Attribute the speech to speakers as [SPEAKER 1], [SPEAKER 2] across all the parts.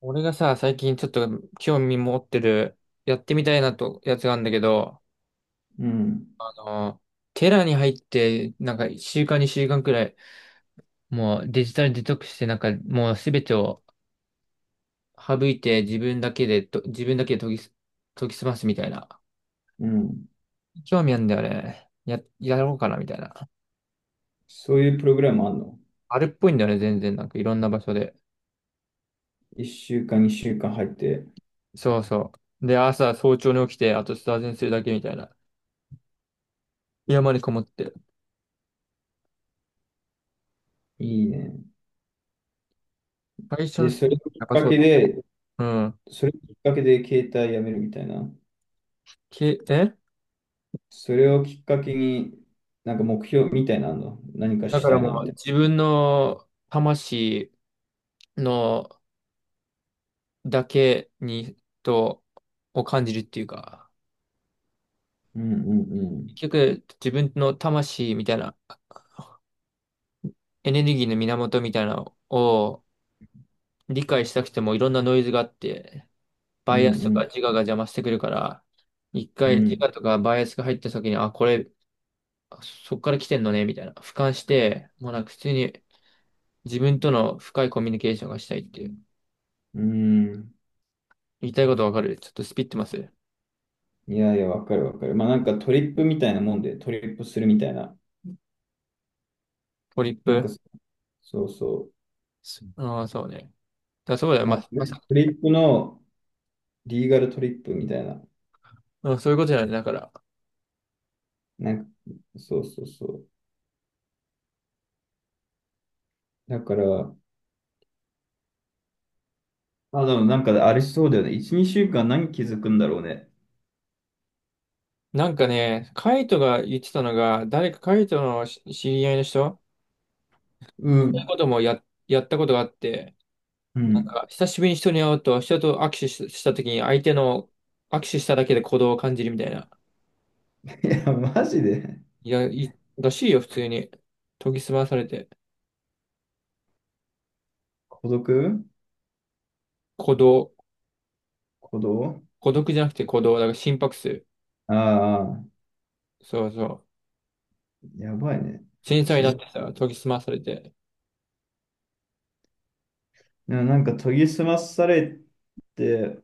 [SPEAKER 1] 俺がさ、最近ちょっと興味持ってる、やってみたいなと、やつがあるんだけど、
[SPEAKER 2] うん、
[SPEAKER 1] あの、テラに入って、なんか週間に週間くらい、もうデジタルデトックスして、なんかもうすべてを省いて自分だけで研ぎ澄ますみたいな。
[SPEAKER 2] うん。
[SPEAKER 1] 興味あるんだよね。やろうかなみたいな。
[SPEAKER 2] そういうプログラムあんの？
[SPEAKER 1] あれっぽいんだよね、全然。なんかいろんな場所で。
[SPEAKER 2] 1 週間、2週間入って、
[SPEAKER 1] そうそう。で、朝早朝に起きて、あとスターゼンするだけみたいな。山にこもって。
[SPEAKER 2] いいね。
[SPEAKER 1] 最初の
[SPEAKER 2] で、
[SPEAKER 1] ステップ、やっぱそうだ。うん。
[SPEAKER 2] それをきっかけで携帯やめるみたいな。
[SPEAKER 1] け、え
[SPEAKER 2] それをきっかけに、なんか目標みたいなのあんの、何か
[SPEAKER 1] だ
[SPEAKER 2] し
[SPEAKER 1] から
[SPEAKER 2] たい
[SPEAKER 1] も
[SPEAKER 2] なみ
[SPEAKER 1] う
[SPEAKER 2] たい
[SPEAKER 1] 自分の魂のだけにとを感じるっていうか、
[SPEAKER 2] な。うん、うん、う
[SPEAKER 1] 結
[SPEAKER 2] ん。
[SPEAKER 1] 局自分の魂みたいなエネルギーの源みたいなのを理解したくてもいろんなノイズがあって、
[SPEAKER 2] う
[SPEAKER 1] バイアスとか
[SPEAKER 2] ん、
[SPEAKER 1] 自我が邪魔してくるから、一
[SPEAKER 2] う
[SPEAKER 1] 回
[SPEAKER 2] ん、う
[SPEAKER 1] 自
[SPEAKER 2] ん。
[SPEAKER 1] 我とかバイアスが入った時に、あ、これ、そっから来てんのね、みたいな。俯瞰して、もうなんか普通に自分との深いコミュニケーションがしたいっていう。
[SPEAKER 2] うん。
[SPEAKER 1] 言いたいことわかる、ちょっとスピってます。
[SPEAKER 2] いやいや、わかるわかる。まあなんかトリップみたいなもんで、トリップするみたいな。
[SPEAKER 1] ポリッ
[SPEAKER 2] なんか
[SPEAKER 1] プ。
[SPEAKER 2] そうそう。
[SPEAKER 1] ああ、そうね。そうだよ。
[SPEAKER 2] まあ、
[SPEAKER 1] ま、まさ、
[SPEAKER 2] トリップのリーガルトリップみたいな。
[SPEAKER 1] うん、そういうことだよね。だから。
[SPEAKER 2] なんか、そうそうそう。だから、あ、でもなんかあれしそうだよね。1、2週間何気づくんだろうね。
[SPEAKER 1] なんかね、カイトが言ってたのが、誰かカイトの知り合いの人、
[SPEAKER 2] う
[SPEAKER 1] そういう
[SPEAKER 2] ん。
[SPEAKER 1] こともやったことがあって、
[SPEAKER 2] うん。
[SPEAKER 1] あ、久しぶりに人に会うと、人と握手したときに、相手の握手しただけで鼓動を感じるみたいな。
[SPEAKER 2] いや、マジで
[SPEAKER 1] いや、らしいよ、普通に。研ぎ澄まされて。
[SPEAKER 2] 孤独。
[SPEAKER 1] 鼓動。
[SPEAKER 2] 孤独。
[SPEAKER 1] 孤独じゃなくて鼓動。だから心拍数。
[SPEAKER 2] ああ、
[SPEAKER 1] そうそう。
[SPEAKER 2] やばいね。
[SPEAKER 1] 繊細に
[SPEAKER 2] す
[SPEAKER 1] なっ
[SPEAKER 2] ご
[SPEAKER 1] て
[SPEAKER 2] い。
[SPEAKER 1] さ、研ぎ澄まされて。
[SPEAKER 2] でもなんか研ぎ澄まされて、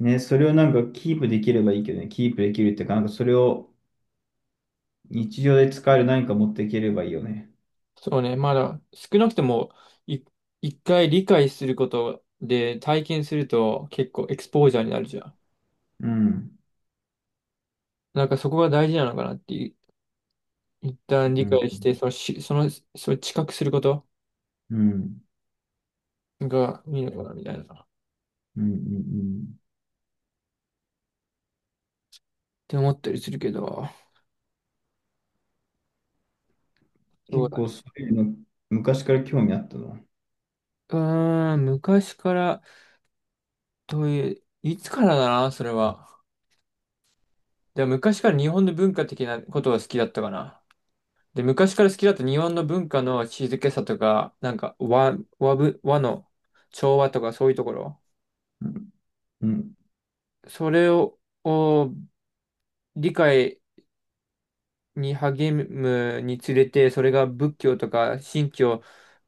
[SPEAKER 2] ね、それをなんかキープできればいいけどね。キープできるっていうか、なんかそれを日常で使える何か持っていければいいよね。
[SPEAKER 1] そうね、まだ少なくともい一回理解することで体験すると結構エクスポージャーになるじゃん。
[SPEAKER 2] うん。
[SPEAKER 1] なんかそこが大事なのかなっていう、一旦
[SPEAKER 2] う
[SPEAKER 1] 理
[SPEAKER 2] ん。
[SPEAKER 1] 解して、そのし、その、それ知覚すること
[SPEAKER 2] うん。
[SPEAKER 1] がいいのかなみたいな。っ
[SPEAKER 2] うん。うん。うん、
[SPEAKER 1] て思ったりするけど、そう
[SPEAKER 2] 結
[SPEAKER 1] だ
[SPEAKER 2] 構
[SPEAKER 1] ね。
[SPEAKER 2] そういうの昔から興味あったな。
[SPEAKER 1] うーん、昔から、どういう、いつからだな、それは。でも昔から日本の文化的なことが好きだったかな。で、昔から好きだった日本の文化の静けさとか、なんか和の調和とかそういうところ、
[SPEAKER 2] うん。うん。
[SPEAKER 1] それを理解に励むにつれて、それが仏教とか神教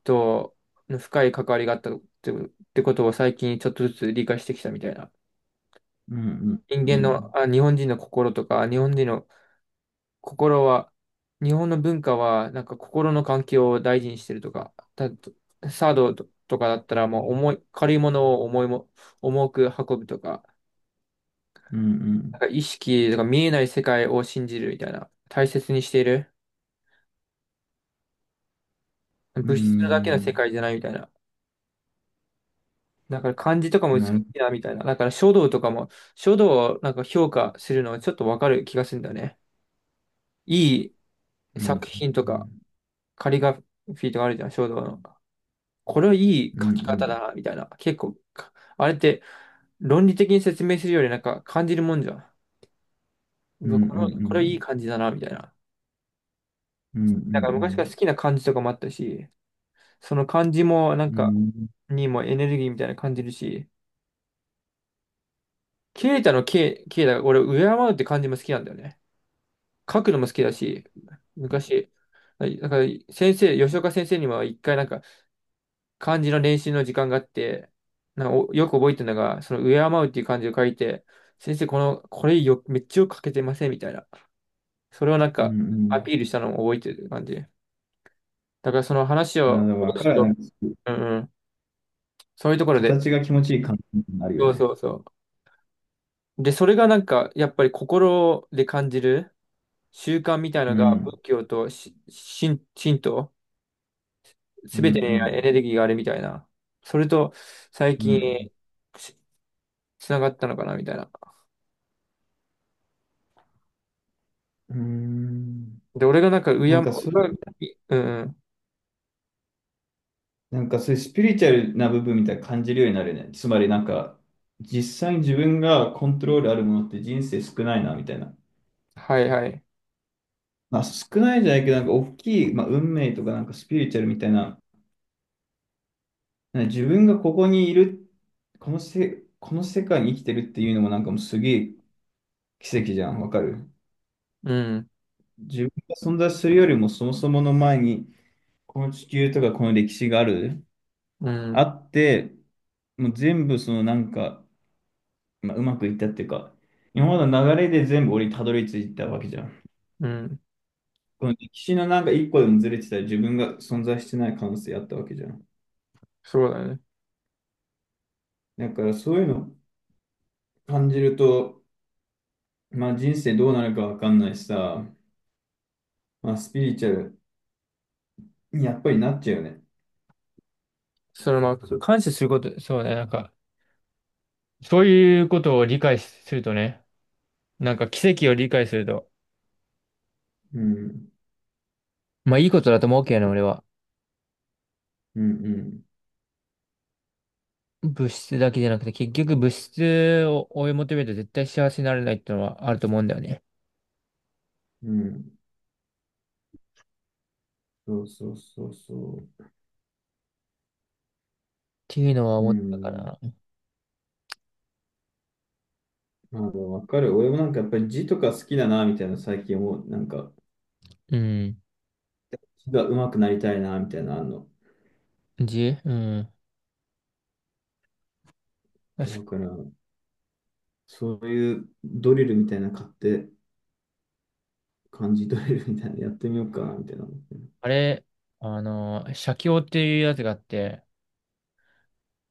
[SPEAKER 1] との深い関わりがあったってことを最近ちょっとずつ理解してきたみたいな。
[SPEAKER 2] うん。
[SPEAKER 1] 人
[SPEAKER 2] う
[SPEAKER 1] 間の、
[SPEAKER 2] ん。
[SPEAKER 1] あ、日本人の心とか、日本人の心は、日本の文化は、なんか心の環境を大事にしてるとか、サードとかだったら、もう重い、軽いものを重いも、重く運ぶとか、
[SPEAKER 2] う
[SPEAKER 1] なん
[SPEAKER 2] ん。
[SPEAKER 1] か意識とか見えない世界を信じるみたいな、大切にしている。
[SPEAKER 2] うん。
[SPEAKER 1] 物質だけ
[SPEAKER 2] う
[SPEAKER 1] の世
[SPEAKER 2] ん。
[SPEAKER 1] 界じゃないみたいな。だから漢字とかも美し
[SPEAKER 2] なる
[SPEAKER 1] いなみたいな。だから書道をなんか評価するのはちょっとわかる気がするんだよね。い
[SPEAKER 2] う
[SPEAKER 1] い
[SPEAKER 2] ん。
[SPEAKER 1] 作品とか、カリグラフィーとかあるじゃん、書道の。これはいい
[SPEAKER 2] うん。
[SPEAKER 1] 書
[SPEAKER 2] う
[SPEAKER 1] き方
[SPEAKER 2] ん。
[SPEAKER 1] だな、みたいな。結構、あれって論理的に説明するよりなんか感じるもんじゃん。
[SPEAKER 2] う
[SPEAKER 1] う
[SPEAKER 2] ん。う
[SPEAKER 1] わ、こ
[SPEAKER 2] ん。
[SPEAKER 1] れ、
[SPEAKER 2] う
[SPEAKER 1] これいい
[SPEAKER 2] ん。
[SPEAKER 1] 感じだな、みたいな。
[SPEAKER 2] う
[SPEAKER 1] なんか昔から
[SPEAKER 2] ん。
[SPEAKER 1] 好きな感じとかもあったし、その感じもなんか、にもエネルギーみたいな感じるし、ケイタが俺、敬うって感じも好きなんだよね。書くのも好きだし、昔、はい、だから吉岡先生にも一回なんか、漢字の練習の時間があって、なんかよく覚えてるのが、その敬うっていう漢字を書いて、先生、この、これよ、めっちゃよく書けてませんみたいな。それをなん
[SPEAKER 2] う
[SPEAKER 1] か
[SPEAKER 2] ん。う
[SPEAKER 1] アピ
[SPEAKER 2] ん。
[SPEAKER 1] ールしたのを覚えてる感じ。だからその話
[SPEAKER 2] あ、
[SPEAKER 1] を
[SPEAKER 2] だから
[SPEAKER 1] 戻す
[SPEAKER 2] 彼はな
[SPEAKER 1] と、
[SPEAKER 2] んか
[SPEAKER 1] うんうん、そういうところで、
[SPEAKER 2] 形が気持ちいい感じになるよ
[SPEAKER 1] そうそ
[SPEAKER 2] ね。
[SPEAKER 1] うそう。で、それがなんか、やっぱり心で感じる習慣みたいな
[SPEAKER 2] う
[SPEAKER 1] のが、仏
[SPEAKER 2] ん。
[SPEAKER 1] 教と神道、
[SPEAKER 2] う
[SPEAKER 1] すべてにエ
[SPEAKER 2] ん。
[SPEAKER 1] ネルギーがあるみたいな。それと、最
[SPEAKER 2] う
[SPEAKER 1] 近、
[SPEAKER 2] ん。
[SPEAKER 1] つながったのかなみたいな。
[SPEAKER 2] うん。
[SPEAKER 1] で、俺がなんか、う
[SPEAKER 2] な
[SPEAKER 1] や
[SPEAKER 2] ん
[SPEAKER 1] ま、
[SPEAKER 2] かそう、
[SPEAKER 1] 俺がいうん、うん、
[SPEAKER 2] なんかそういうスピリチュアルな部分みたいな感じるようになるね。つまりなんか実際に自分がコントロールあるものって人生少ないなみたいな。
[SPEAKER 1] はいはい。
[SPEAKER 2] まあ、少ないじゃないけど、なんか大きい、まあ、運命とかなんかスピリチュアルみたいな、なんか自分がここにいる、この世界に生きてるっていうのもなんかもうすげえ奇跡じゃん、わかる。
[SPEAKER 1] うん、
[SPEAKER 2] 自分が存在するよりもそもそもの前に、この地球とかこの歴史がある、
[SPEAKER 1] う
[SPEAKER 2] あ
[SPEAKER 1] ん、
[SPEAKER 2] って、もう全部そのなんか、まあ、うまくいったっていうか、今までの流れで全部俺にたどり着いたわけじゃん。
[SPEAKER 1] うん、
[SPEAKER 2] この歴史のなんか一個でもずれてたら自分が存在してない可能性あったわけじゃん。
[SPEAKER 1] そうだね。
[SPEAKER 2] だからそういうの感じると、まあ人生どうなるかわかんないしさ、まあスピリチュアルにやっぱりなっちゃうよね。
[SPEAKER 1] そのまあ、感謝すること、そうね、なんか、そういうことを理解するとね、なんか奇跡を理解すると、
[SPEAKER 2] うん、
[SPEAKER 1] まあいいことだと思うけどね、俺は。
[SPEAKER 2] うん、
[SPEAKER 1] 物質だけじゃなくて、結局物質を追い求めると絶対幸せになれないっていうのはあると思うんだよね。っ
[SPEAKER 2] うん、うん。そうそうそうそ
[SPEAKER 1] ていうのは
[SPEAKER 2] う。う
[SPEAKER 1] 思ったか
[SPEAKER 2] ん。
[SPEAKER 1] ら。
[SPEAKER 2] まあでもわかる。俺もなんかやっぱり字とか好きだな、みたいな最近思う。なんか
[SPEAKER 1] うん。
[SPEAKER 2] 字が上手くなりたいな、みたいなのあんの。
[SPEAKER 1] うん。確
[SPEAKER 2] だ
[SPEAKER 1] か、
[SPEAKER 2] から、そういうドリルみたいなの買って、漢字ドリルみたいなのやってみようかな、みたいな思ってる。
[SPEAKER 1] あれ、写経っていうやつがあって、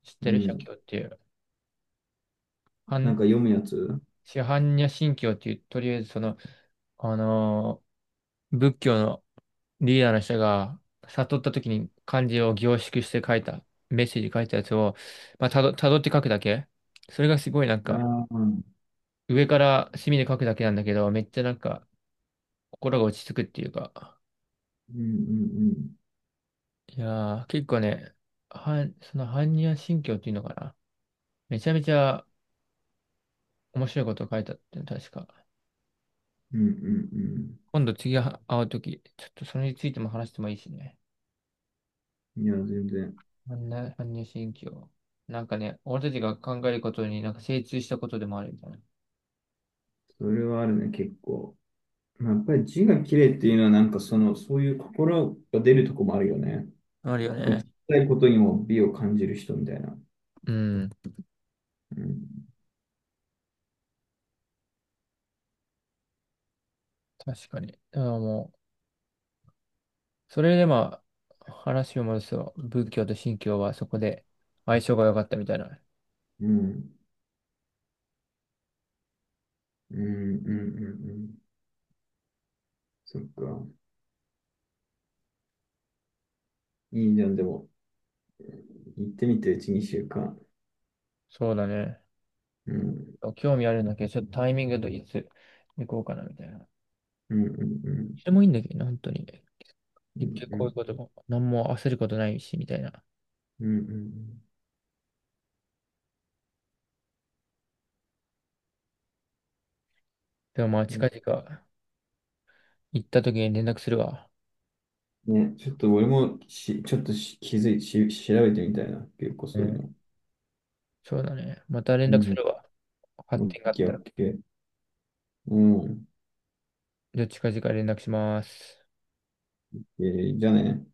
[SPEAKER 1] 知っ
[SPEAKER 2] う
[SPEAKER 1] てる、写
[SPEAKER 2] ん。
[SPEAKER 1] 経っていう。あ
[SPEAKER 2] なん
[SPEAKER 1] ん
[SPEAKER 2] か読むやつ。
[SPEAKER 1] シハンニャ神教っていう、とりあえずその、あの仏教のリーダーの人が悟った時に漢字を凝縮して書いた、メッセージ書いたやつを、まあ、たどって書くだけ。それがすごいなん
[SPEAKER 2] あ
[SPEAKER 1] か、
[SPEAKER 2] あー、うん。
[SPEAKER 1] 上から墨で書くだけなんだけど、めっちゃなんか、心が落ち着くっていうか。
[SPEAKER 2] うん、うん。
[SPEAKER 1] いやー、結構ね、その般若心経っていうのかな。めちゃめちゃ面白いことを書いたって、確か。
[SPEAKER 2] うん、うん、うん。
[SPEAKER 1] 今度次会う時ちょっとそれについても話してもいいしね。
[SPEAKER 2] いや、全然。
[SPEAKER 1] 般若心経。なんかね、俺たちが考えることになんか精通したことでもあるみたいな。
[SPEAKER 2] それはあるね、結構。まあやっぱり字が綺麗っていうのは、なんかその、そういう心が出るとこもあるよね。
[SPEAKER 1] あるよ
[SPEAKER 2] そういう
[SPEAKER 1] ね。
[SPEAKER 2] 小さいことにも美を感じる人みたいな。
[SPEAKER 1] うん。
[SPEAKER 2] うん。
[SPEAKER 1] 確かに。だからもう、それでまあ、話を戻すと、仏教と神教はそこで相性が良かったみたいな。
[SPEAKER 2] うん。うん。うん。うん、うん。そっか。いいじゃん、でも。行ってみて、うち2週間。
[SPEAKER 1] そうだね。
[SPEAKER 2] うん。
[SPEAKER 1] 興味あるんだけど、ちょっとタイミングといつ行こうかなみたいな。
[SPEAKER 2] うん。うん。
[SPEAKER 1] でもいいんだけどね、本当に。
[SPEAKER 2] う
[SPEAKER 1] 結
[SPEAKER 2] ん。
[SPEAKER 1] 局
[SPEAKER 2] う
[SPEAKER 1] こういうこと
[SPEAKER 2] ん。
[SPEAKER 1] も、何も焦ることないし、みたいな。
[SPEAKER 2] うん。うん、
[SPEAKER 1] でもまあ、
[SPEAKER 2] うん。
[SPEAKER 1] 近々行った時に連絡するわ。
[SPEAKER 2] ね、ちょっと俺もし、ちょっとし気づい、し、調べてみたいな。結構
[SPEAKER 1] う
[SPEAKER 2] そういう
[SPEAKER 1] ん。
[SPEAKER 2] の。
[SPEAKER 1] そうだね。また連
[SPEAKER 2] う
[SPEAKER 1] 絡す
[SPEAKER 2] ん。
[SPEAKER 1] るわ。
[SPEAKER 2] オ
[SPEAKER 1] 発
[SPEAKER 2] ッ
[SPEAKER 1] 展があっ
[SPEAKER 2] ケー、
[SPEAKER 1] た
[SPEAKER 2] オ
[SPEAKER 1] ら。
[SPEAKER 2] ッケー。うん。
[SPEAKER 1] じゃあ近々連絡します。
[SPEAKER 2] えじゃあね。